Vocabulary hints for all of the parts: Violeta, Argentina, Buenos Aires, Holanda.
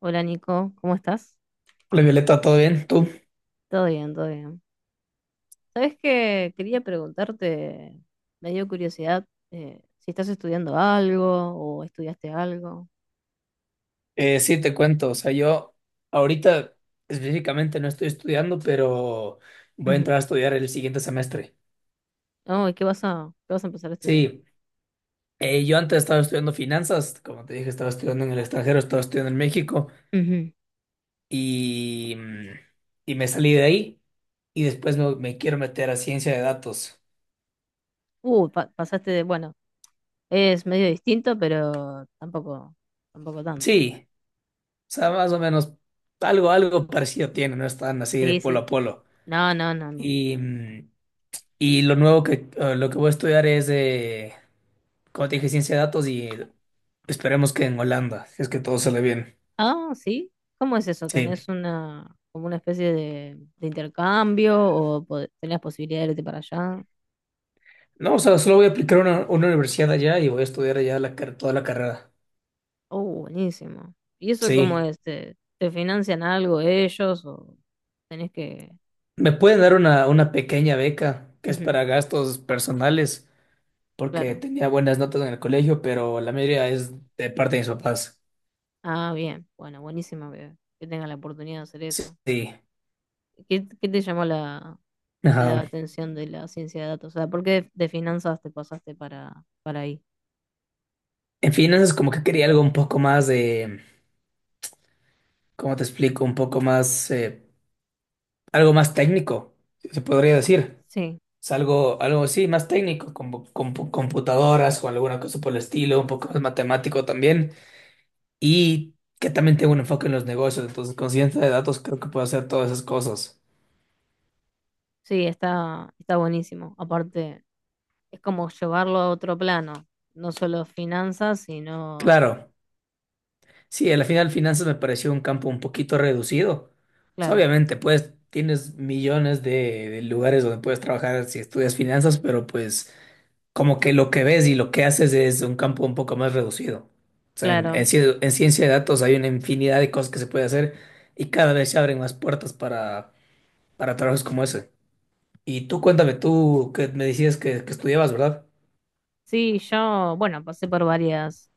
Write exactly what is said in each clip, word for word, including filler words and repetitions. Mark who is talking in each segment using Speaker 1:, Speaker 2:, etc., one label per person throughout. Speaker 1: Hola Nico, ¿cómo estás?
Speaker 2: Hola Violeta, ¿todo bien? ¿Tú?
Speaker 1: Todo bien, todo bien. ¿Sabes qué? Quería preguntarte, me dio curiosidad, eh, si estás estudiando algo o estudiaste algo.
Speaker 2: Eh, sí, te cuento, o sea, yo ahorita específicamente no estoy estudiando, pero voy a
Speaker 1: Ujú.
Speaker 2: entrar a estudiar el siguiente semestre.
Speaker 1: Oh, ¿y ¿qué vas a, qué vas a empezar a estudiar?
Speaker 2: Sí, eh, yo antes estaba estudiando finanzas, como te dije, estaba estudiando en el extranjero, estaba estudiando en México
Speaker 1: Ujú.
Speaker 2: y, mm, y me salí de ahí y después me, me quiero meter a ciencia de datos.
Speaker 1: Uh, pa- pasaste de, bueno, es medio distinto, pero tampoco, tampoco tanto.
Speaker 2: Sí, o sea, más o menos algo, algo parecido tiene, no están así de
Speaker 1: Sí,
Speaker 2: polo
Speaker 1: sí.
Speaker 2: a polo.
Speaker 1: No, no, no, no.
Speaker 2: Y, mm, y lo nuevo que, eh, lo que voy a estudiar es, como te dije, ciencia de datos y esperemos que en Holanda, si es que todo sale bien.
Speaker 1: Ah, sí. ¿Cómo es eso?
Speaker 2: Sí.
Speaker 1: ¿Tenés una, como una especie de, de intercambio o po- tenés posibilidad de irte para allá?
Speaker 2: No, o sea, solo voy a aplicar a una, una universidad allá y voy a estudiar allá la, car- toda la carrera.
Speaker 1: Oh, buenísimo. ¿Y eso cómo
Speaker 2: Sí.
Speaker 1: es? ¿Te, te financian algo ellos o tenés que...?
Speaker 2: Me pueden dar una, una pequeña beca, que es
Speaker 1: Ujú,
Speaker 2: para gastos personales, porque
Speaker 1: claro.
Speaker 2: tenía buenas notas en el colegio, pero la mayoría es de parte de mis papás.
Speaker 1: Ah, bien. Bueno, buenísimo que, que tengas la oportunidad de hacer
Speaker 2: Sí,
Speaker 1: eso.
Speaker 2: sí.
Speaker 1: ¿Qué, qué te llamó la, la
Speaker 2: Ajá.
Speaker 1: atención de la ciencia de datos? O sea, ¿por qué de, de finanzas te pasaste para, para ahí?
Speaker 2: En finanzas como que quería algo un poco más de, ¿cómo te explico? Un poco más, eh, algo más técnico, si se podría decir.
Speaker 1: Sí,
Speaker 2: Es algo, algo sí, más técnico, como bu- con computadoras o alguna cosa por el estilo, un poco más matemático también, y que también tengo un enfoque en los negocios, entonces con ciencia de datos creo que puedo hacer todas esas cosas.
Speaker 1: sí, está, está buenísimo. Aparte, es como llevarlo a otro plano, no solo finanzas, sino,
Speaker 2: Claro, sí, al final finanzas me pareció un campo un poquito reducido. Pues,
Speaker 1: claro,
Speaker 2: obviamente, pues tienes millones de, de lugares donde puedes trabajar si estudias finanzas, pero pues, como que lo que ves y lo que haces es un campo un poco más reducido. O sea, en, en
Speaker 1: claro.
Speaker 2: ci- en ciencia de datos hay una infinidad de cosas que se puede hacer y cada vez se abren más puertas para, para trabajos como ese. Y tú cuéntame, tú que me decías que, que estudiabas, ¿verdad?
Speaker 1: Sí, yo, bueno, pasé por varias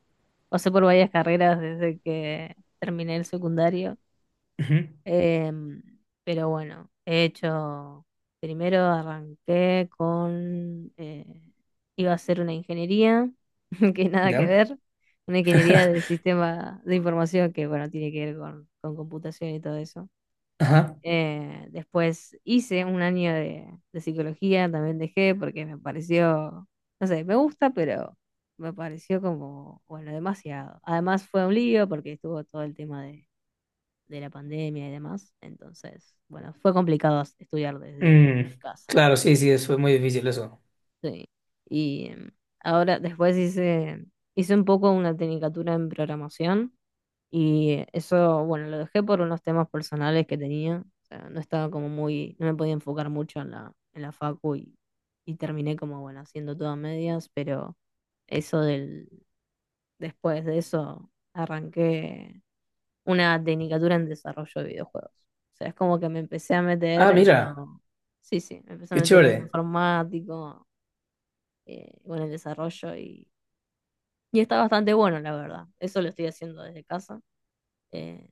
Speaker 1: pasé por varias carreras desde que terminé el secundario,
Speaker 2: Ujú.
Speaker 1: em, pero bueno, he hecho, primero arranqué con, eh, iba a hacer una ingeniería, que nada que
Speaker 2: ¿Ya?
Speaker 1: ver, una ingeniería de sistema de información que, bueno, tiene que ver con, con computación y todo eso.
Speaker 2: Ajá.
Speaker 1: Eh, después hice un año de, de psicología, también dejé porque me pareció, no sé, me gusta, pero me pareció como, bueno, demasiado. Además fue un lío porque estuvo todo el tema de, de la pandemia y demás. Entonces, bueno, fue complicado as- estudiar desde
Speaker 2: Mm,
Speaker 1: casa.
Speaker 2: claro, sí, sí, es- fue muy difícil eso.
Speaker 1: Sí. Y em, ahora después hice, hice un poco una tecnicatura en programación y eso, bueno, lo dejé por unos temas personales que tenía. O sea, no estaba como muy, no me podía enfocar mucho en la, en la facu y, y terminé como, bueno, haciendo todo a medias, pero eso del, después de eso, arranqué una tecnicatura en desarrollo de videojuegos. O sea, es como que me empecé a
Speaker 2: Ah,
Speaker 1: meter en
Speaker 2: mira,
Speaker 1: lo, sí, sí, me empecé a
Speaker 2: qué
Speaker 1: meter en lo
Speaker 2: chévere.
Speaker 1: informático, eh, bueno, el desarrollo y, y está bastante bueno, la verdad. Eso lo estoy haciendo desde casa. eh,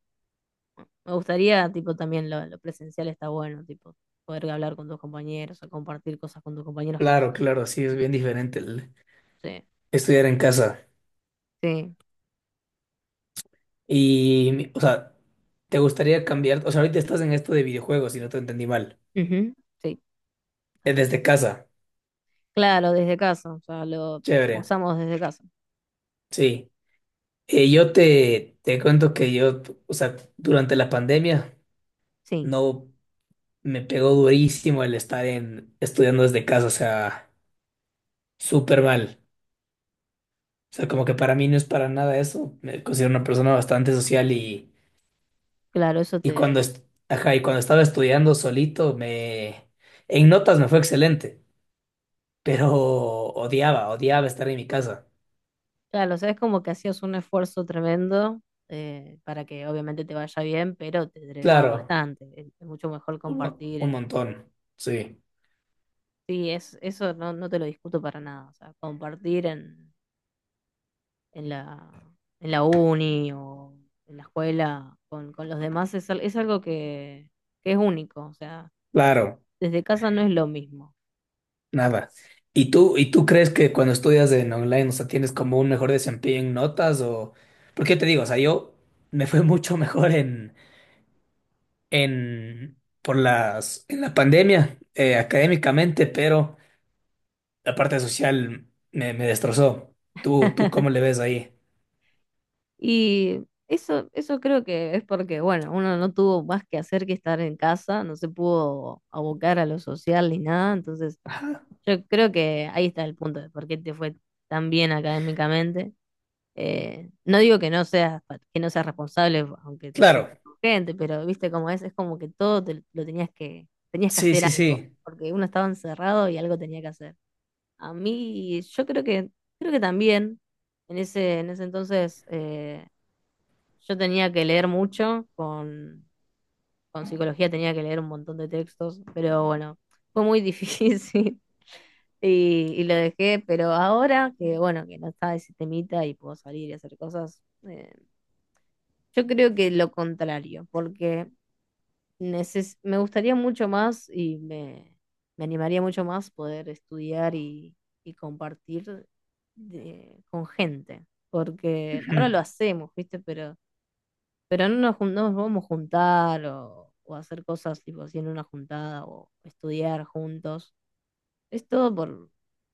Speaker 1: Me gustaría, tipo, también lo, lo presencial está bueno, tipo, poder hablar con tus compañeros o compartir cosas con tus compañeros que no
Speaker 2: Claro,
Speaker 1: sean.
Speaker 2: claro, sí, es bien diferente el
Speaker 1: Sí,
Speaker 2: estudiar en casa.
Speaker 1: sí,
Speaker 2: Y, o sea, ¿te gustaría cambiar? O sea, ahorita estás en esto de videojuegos, si no te entendí mal.
Speaker 1: ujú, sí,
Speaker 2: Eh,
Speaker 1: así es.
Speaker 2: Desde casa,
Speaker 1: Claro, desde casa, o sea, lo
Speaker 2: chévere,
Speaker 1: usamos desde casa.
Speaker 2: sí. Eh, yo te, te cuento que yo, o sea, durante la pandemia
Speaker 1: Sí,
Speaker 2: no me pegó durísimo el estar en, estudiando desde casa, o sea, súper mal. O sea, como que para mí no es para nada eso. Me considero una persona bastante social y,
Speaker 1: claro, eso
Speaker 2: y cuando,
Speaker 1: te...
Speaker 2: est- ajá, y cuando estaba estudiando solito, me, en notas me fue excelente, pero odiaba, odiaba estar en mi casa.
Speaker 1: Claro, o sea, es como que hacías un esfuerzo tremendo eh, para que obviamente te vaya bien, pero te drenaba
Speaker 2: Claro,
Speaker 1: bastante. Es, es mucho mejor
Speaker 2: un, mo-
Speaker 1: compartir
Speaker 2: un
Speaker 1: en...
Speaker 2: montón, sí,
Speaker 1: Sí, es, eso no, no te lo discuto para nada, o sea, compartir en en la, en la uni o en la escuela con, con los demás es, al- es algo que, que es único, o sea,
Speaker 2: claro.
Speaker 1: desde casa no es lo mismo.
Speaker 2: Nada. ¿Y tú, y tú crees que cuando estudias en online, o sea, tienes como un mejor desempeño en notas o...? Porque te digo, o sea, yo me fue mucho mejor en, en, por las, en la pandemia, eh, académicamente, pero la parte social me, me destrozó. ¿Tú, tú cómo le ves ahí?
Speaker 1: Y eso, eso creo que es porque, bueno, uno no tuvo más que hacer que estar en casa, no se pudo abocar a lo social ni nada, entonces
Speaker 2: Ajá.
Speaker 1: yo creo que ahí está el punto de por qué te fue tan bien académicamente. Eh, no digo que no seas, pa- que no seas responsable aunque te
Speaker 2: Claro.
Speaker 1: juntes con gente, pero viste cómo es, es como que todo te- lo tenías que, tenías que
Speaker 2: Sí,
Speaker 1: hacer
Speaker 2: sí,
Speaker 1: algo,
Speaker 2: sí.
Speaker 1: porque uno estaba encerrado y algo tenía que hacer. A mí, yo creo que, creo que también en ese, en ese entonces eh, yo tenía que leer mucho, con, con psicología tenía que leer un montón de textos, pero bueno, fue muy difícil y, y lo dejé, pero ahora que bueno, que no está ese temita y puedo salir y hacer cosas, eh, yo creo que lo contrario, porque neces- me gustaría mucho más y me, me animaría mucho más poder estudiar y, y compartir de- con gente, porque ahora lo
Speaker 2: Ujú,
Speaker 1: hacemos, ¿viste? Pero, pero no nos, jun- no nos vamos a juntar o, o hacer cosas tipo así en una juntada o estudiar juntos. Es todo por,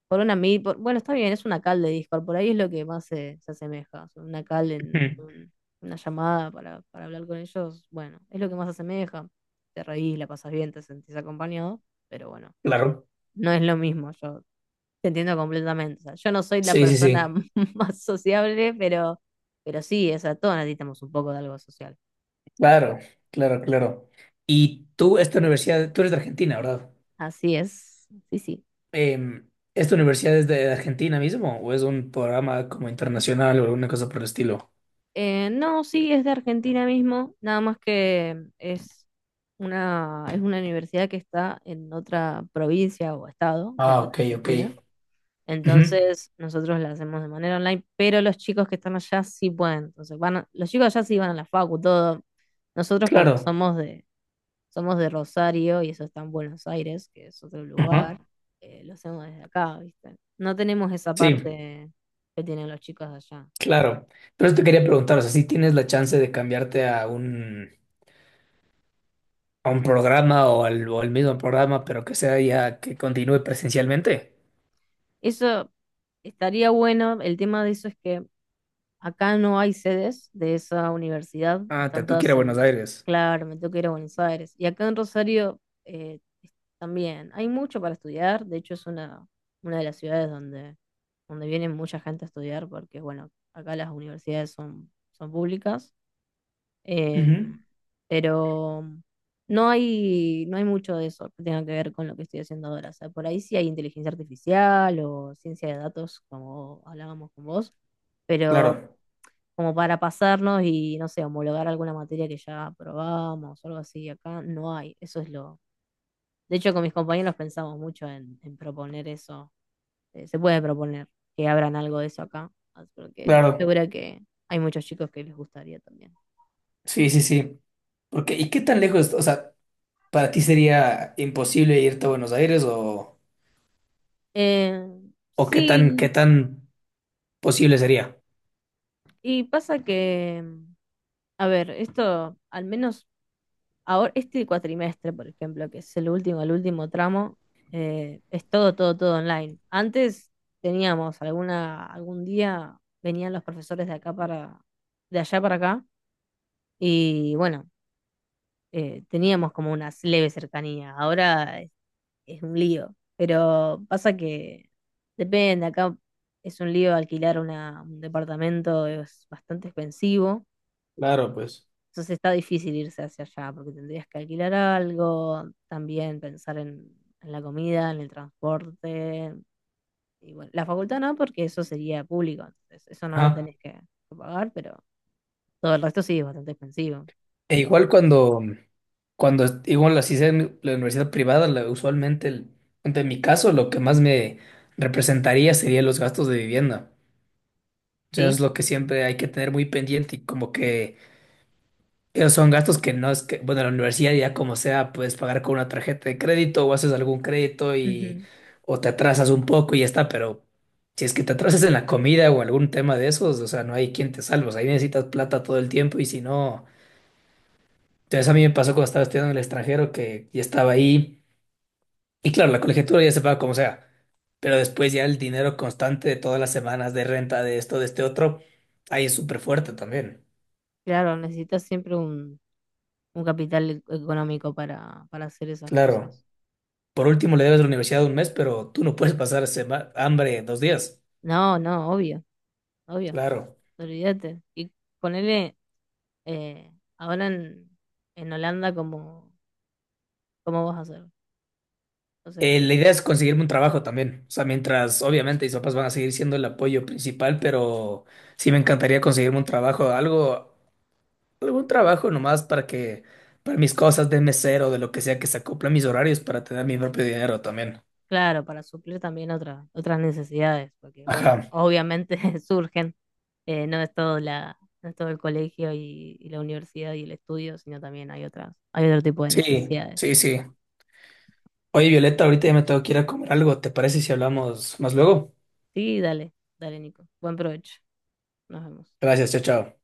Speaker 1: por una mid. por- bueno, está bien, es una call de Discord. Por ahí es lo que más se, se asemeja. O sea, una call en
Speaker 2: ujú.
Speaker 1: un- una llamada para, para hablar con ellos. Bueno, es lo que más se asemeja. Te reís, la pasas bien, te sentís acompañado. Pero bueno,
Speaker 2: Claro.
Speaker 1: no es lo mismo. Yo te entiendo completamente. O sea, yo no soy la
Speaker 2: Sí, sí,
Speaker 1: persona
Speaker 2: sí.
Speaker 1: más sociable, pero, pero sí, o sea, todos necesitamos un poco de algo social.
Speaker 2: Claro, claro, claro. Y tú, esta universidad, tú eres de Argentina, ¿verdad?
Speaker 1: Así es. Sí, sí.
Speaker 2: Em, ¿esta universidad es de Argentina mismo o es un programa como internacional o alguna cosa por el estilo?
Speaker 1: Eh, no, sí, es de Argentina mismo, nada más que es una, es una universidad que está en otra provincia o estado de
Speaker 2: Ah,
Speaker 1: acá
Speaker 2: ok,
Speaker 1: en
Speaker 2: ok.
Speaker 1: Argentina.
Speaker 2: Ujú.
Speaker 1: Entonces, nosotros la hacemos de manera online, pero los chicos que están allá sí pueden. Entonces, van a- los chicos allá sí van a la facu, todo. Nosotros como
Speaker 2: Claro.
Speaker 1: somos de, somos de Rosario y eso está en Buenos Aires, que es otro
Speaker 2: Ajá.
Speaker 1: lugar, eh, lo hacemos desde acá, ¿viste? No tenemos esa
Speaker 2: Sí,
Speaker 1: parte que tienen los chicos de allá.
Speaker 2: claro. Pero eso te quería preguntar, o sea, si tienes la chance de cambiarte a un, a un programa o al, o al mismo programa, pero que sea ya que continúe presencialmente.
Speaker 1: Eso estaría bueno. El tema de eso es que acá no hay sedes de esa universidad.
Speaker 2: Ah, te
Speaker 1: Están
Speaker 2: toca ir
Speaker 1: todas
Speaker 2: a Buenos
Speaker 1: en,
Speaker 2: Aires.
Speaker 1: claro, me tengo que ir a Buenos Aires. Y acá en Rosario eh, también hay mucho para estudiar. De hecho, es una, una de las ciudades donde, donde viene mucha gente a estudiar porque, bueno, acá las universidades son, son públicas.
Speaker 2: Ujú.
Speaker 1: Em, pero no hay, no hay mucho de eso que tenga que ver con lo que estoy haciendo ahora. O sea, por ahí sí hay inteligencia artificial o ciencia de datos, como hablábamos con vos, pero
Speaker 2: Claro,
Speaker 1: como para pasarnos y, no sé, homologar alguna materia que ya probamos o algo así, acá no hay. Eso es lo... De hecho, con mis compañeros pensamos mucho en, en proponer eso. Eh, se puede proponer que abran algo de eso acá, ah, porque estoy
Speaker 2: claro.
Speaker 1: segura que hay muchos chicos que les gustaría también.
Speaker 2: Sí, sí, sí. Porque, ¿y qué tan lejos? O sea, ¿para ti sería imposible irte a Buenos Aires o...?
Speaker 1: Eh,
Speaker 2: O qué tan, qué
Speaker 1: sí,
Speaker 2: tan posible sería.
Speaker 1: Y pasa que, mm, a ver, esto, al menos ahora, este cuatrimestre, por ejemplo, que es el último, el último tramo, eh, es todo, todo, todo online. Antes teníamos alguna, algún día venían los profesores de acá para, de allá para acá, y bueno, eh, teníamos como una leve cercanía. Ahora es, es un lío. Pero pasa que depende, acá es un lío alquilar una, un departamento, es bastante expensivo.
Speaker 2: Claro, pues.
Speaker 1: Entonces está difícil irse hacia allá porque tendrías que alquilar algo, también pensar en, en la comida, en el transporte. Y bueno, la facultad no, porque eso sería público, entonces eso no lo
Speaker 2: Ajá.
Speaker 1: tenés que, que pagar, pero todo el resto sí es bastante expensivo.
Speaker 2: E igual cuando, cuando est- igual las sea en la universidad privada, la- usualmente, el, en mi caso, lo que más me representaría sería los gastos de vivienda. O sea,
Speaker 1: ¿Sí?
Speaker 2: es lo que siempre hay que tener muy pendiente y como que esos son gastos que no es que, bueno, la universidad ya como sea, puedes pagar con una tarjeta de crédito o haces algún crédito y
Speaker 1: Ujú.
Speaker 2: o te atrasas un poco y ya está, pero si es que te atrasas en la comida o algún tema de esos, o sea, no hay quien te salve, o sea, ahí necesitas plata todo el tiempo y si no, entonces a mí me pasó cuando estaba estudiando en el extranjero que ya estaba ahí y claro, la colegiatura ya se paga como sea, pero después ya el dinero constante de todas las semanas de renta, de esto, de este otro, ahí es súper fuerte también,
Speaker 1: Claro, necesitas siempre un, un capital e- económico para, para hacer esas
Speaker 2: claro.
Speaker 1: cosas.
Speaker 2: Por último, le debes a la universidad un mes, pero tú no puedes pasar sema- hambre dos días.
Speaker 1: No, no, obvio, obvio,
Speaker 2: Claro.
Speaker 1: olvídate. Y ponele eh, ahora en, en Holanda, ¿cómo, cómo vas a hacer? O
Speaker 2: Eh,
Speaker 1: sea.
Speaker 2: la idea es conseguirme un trabajo también. O sea, mientras obviamente mis papás van a seguir siendo el apoyo principal, pero sí me encantaría conseguirme un trabajo, algo, algún trabajo nomás para que, para mis cosas de mesero, de lo que sea, que se acoplen mis horarios para tener mi propio dinero también.
Speaker 1: Claro, para suplir también otra- otras necesidades, porque bueno,
Speaker 2: Ajá.
Speaker 1: obviamente surgen, eh, no es todo la, no es todo el colegio y, y la universidad y el estudio, sino también hay otras, hay otro tipo de
Speaker 2: Sí,
Speaker 1: necesidades.
Speaker 2: sí, sí. Oye, Violeta, ahorita ya me tengo que ir a comer algo. ¿Te parece si hablamos más luego?
Speaker 1: Sí, dale, dale, Nico. Buen provecho. Nos vemos.
Speaker 2: Gracias, chao, chao.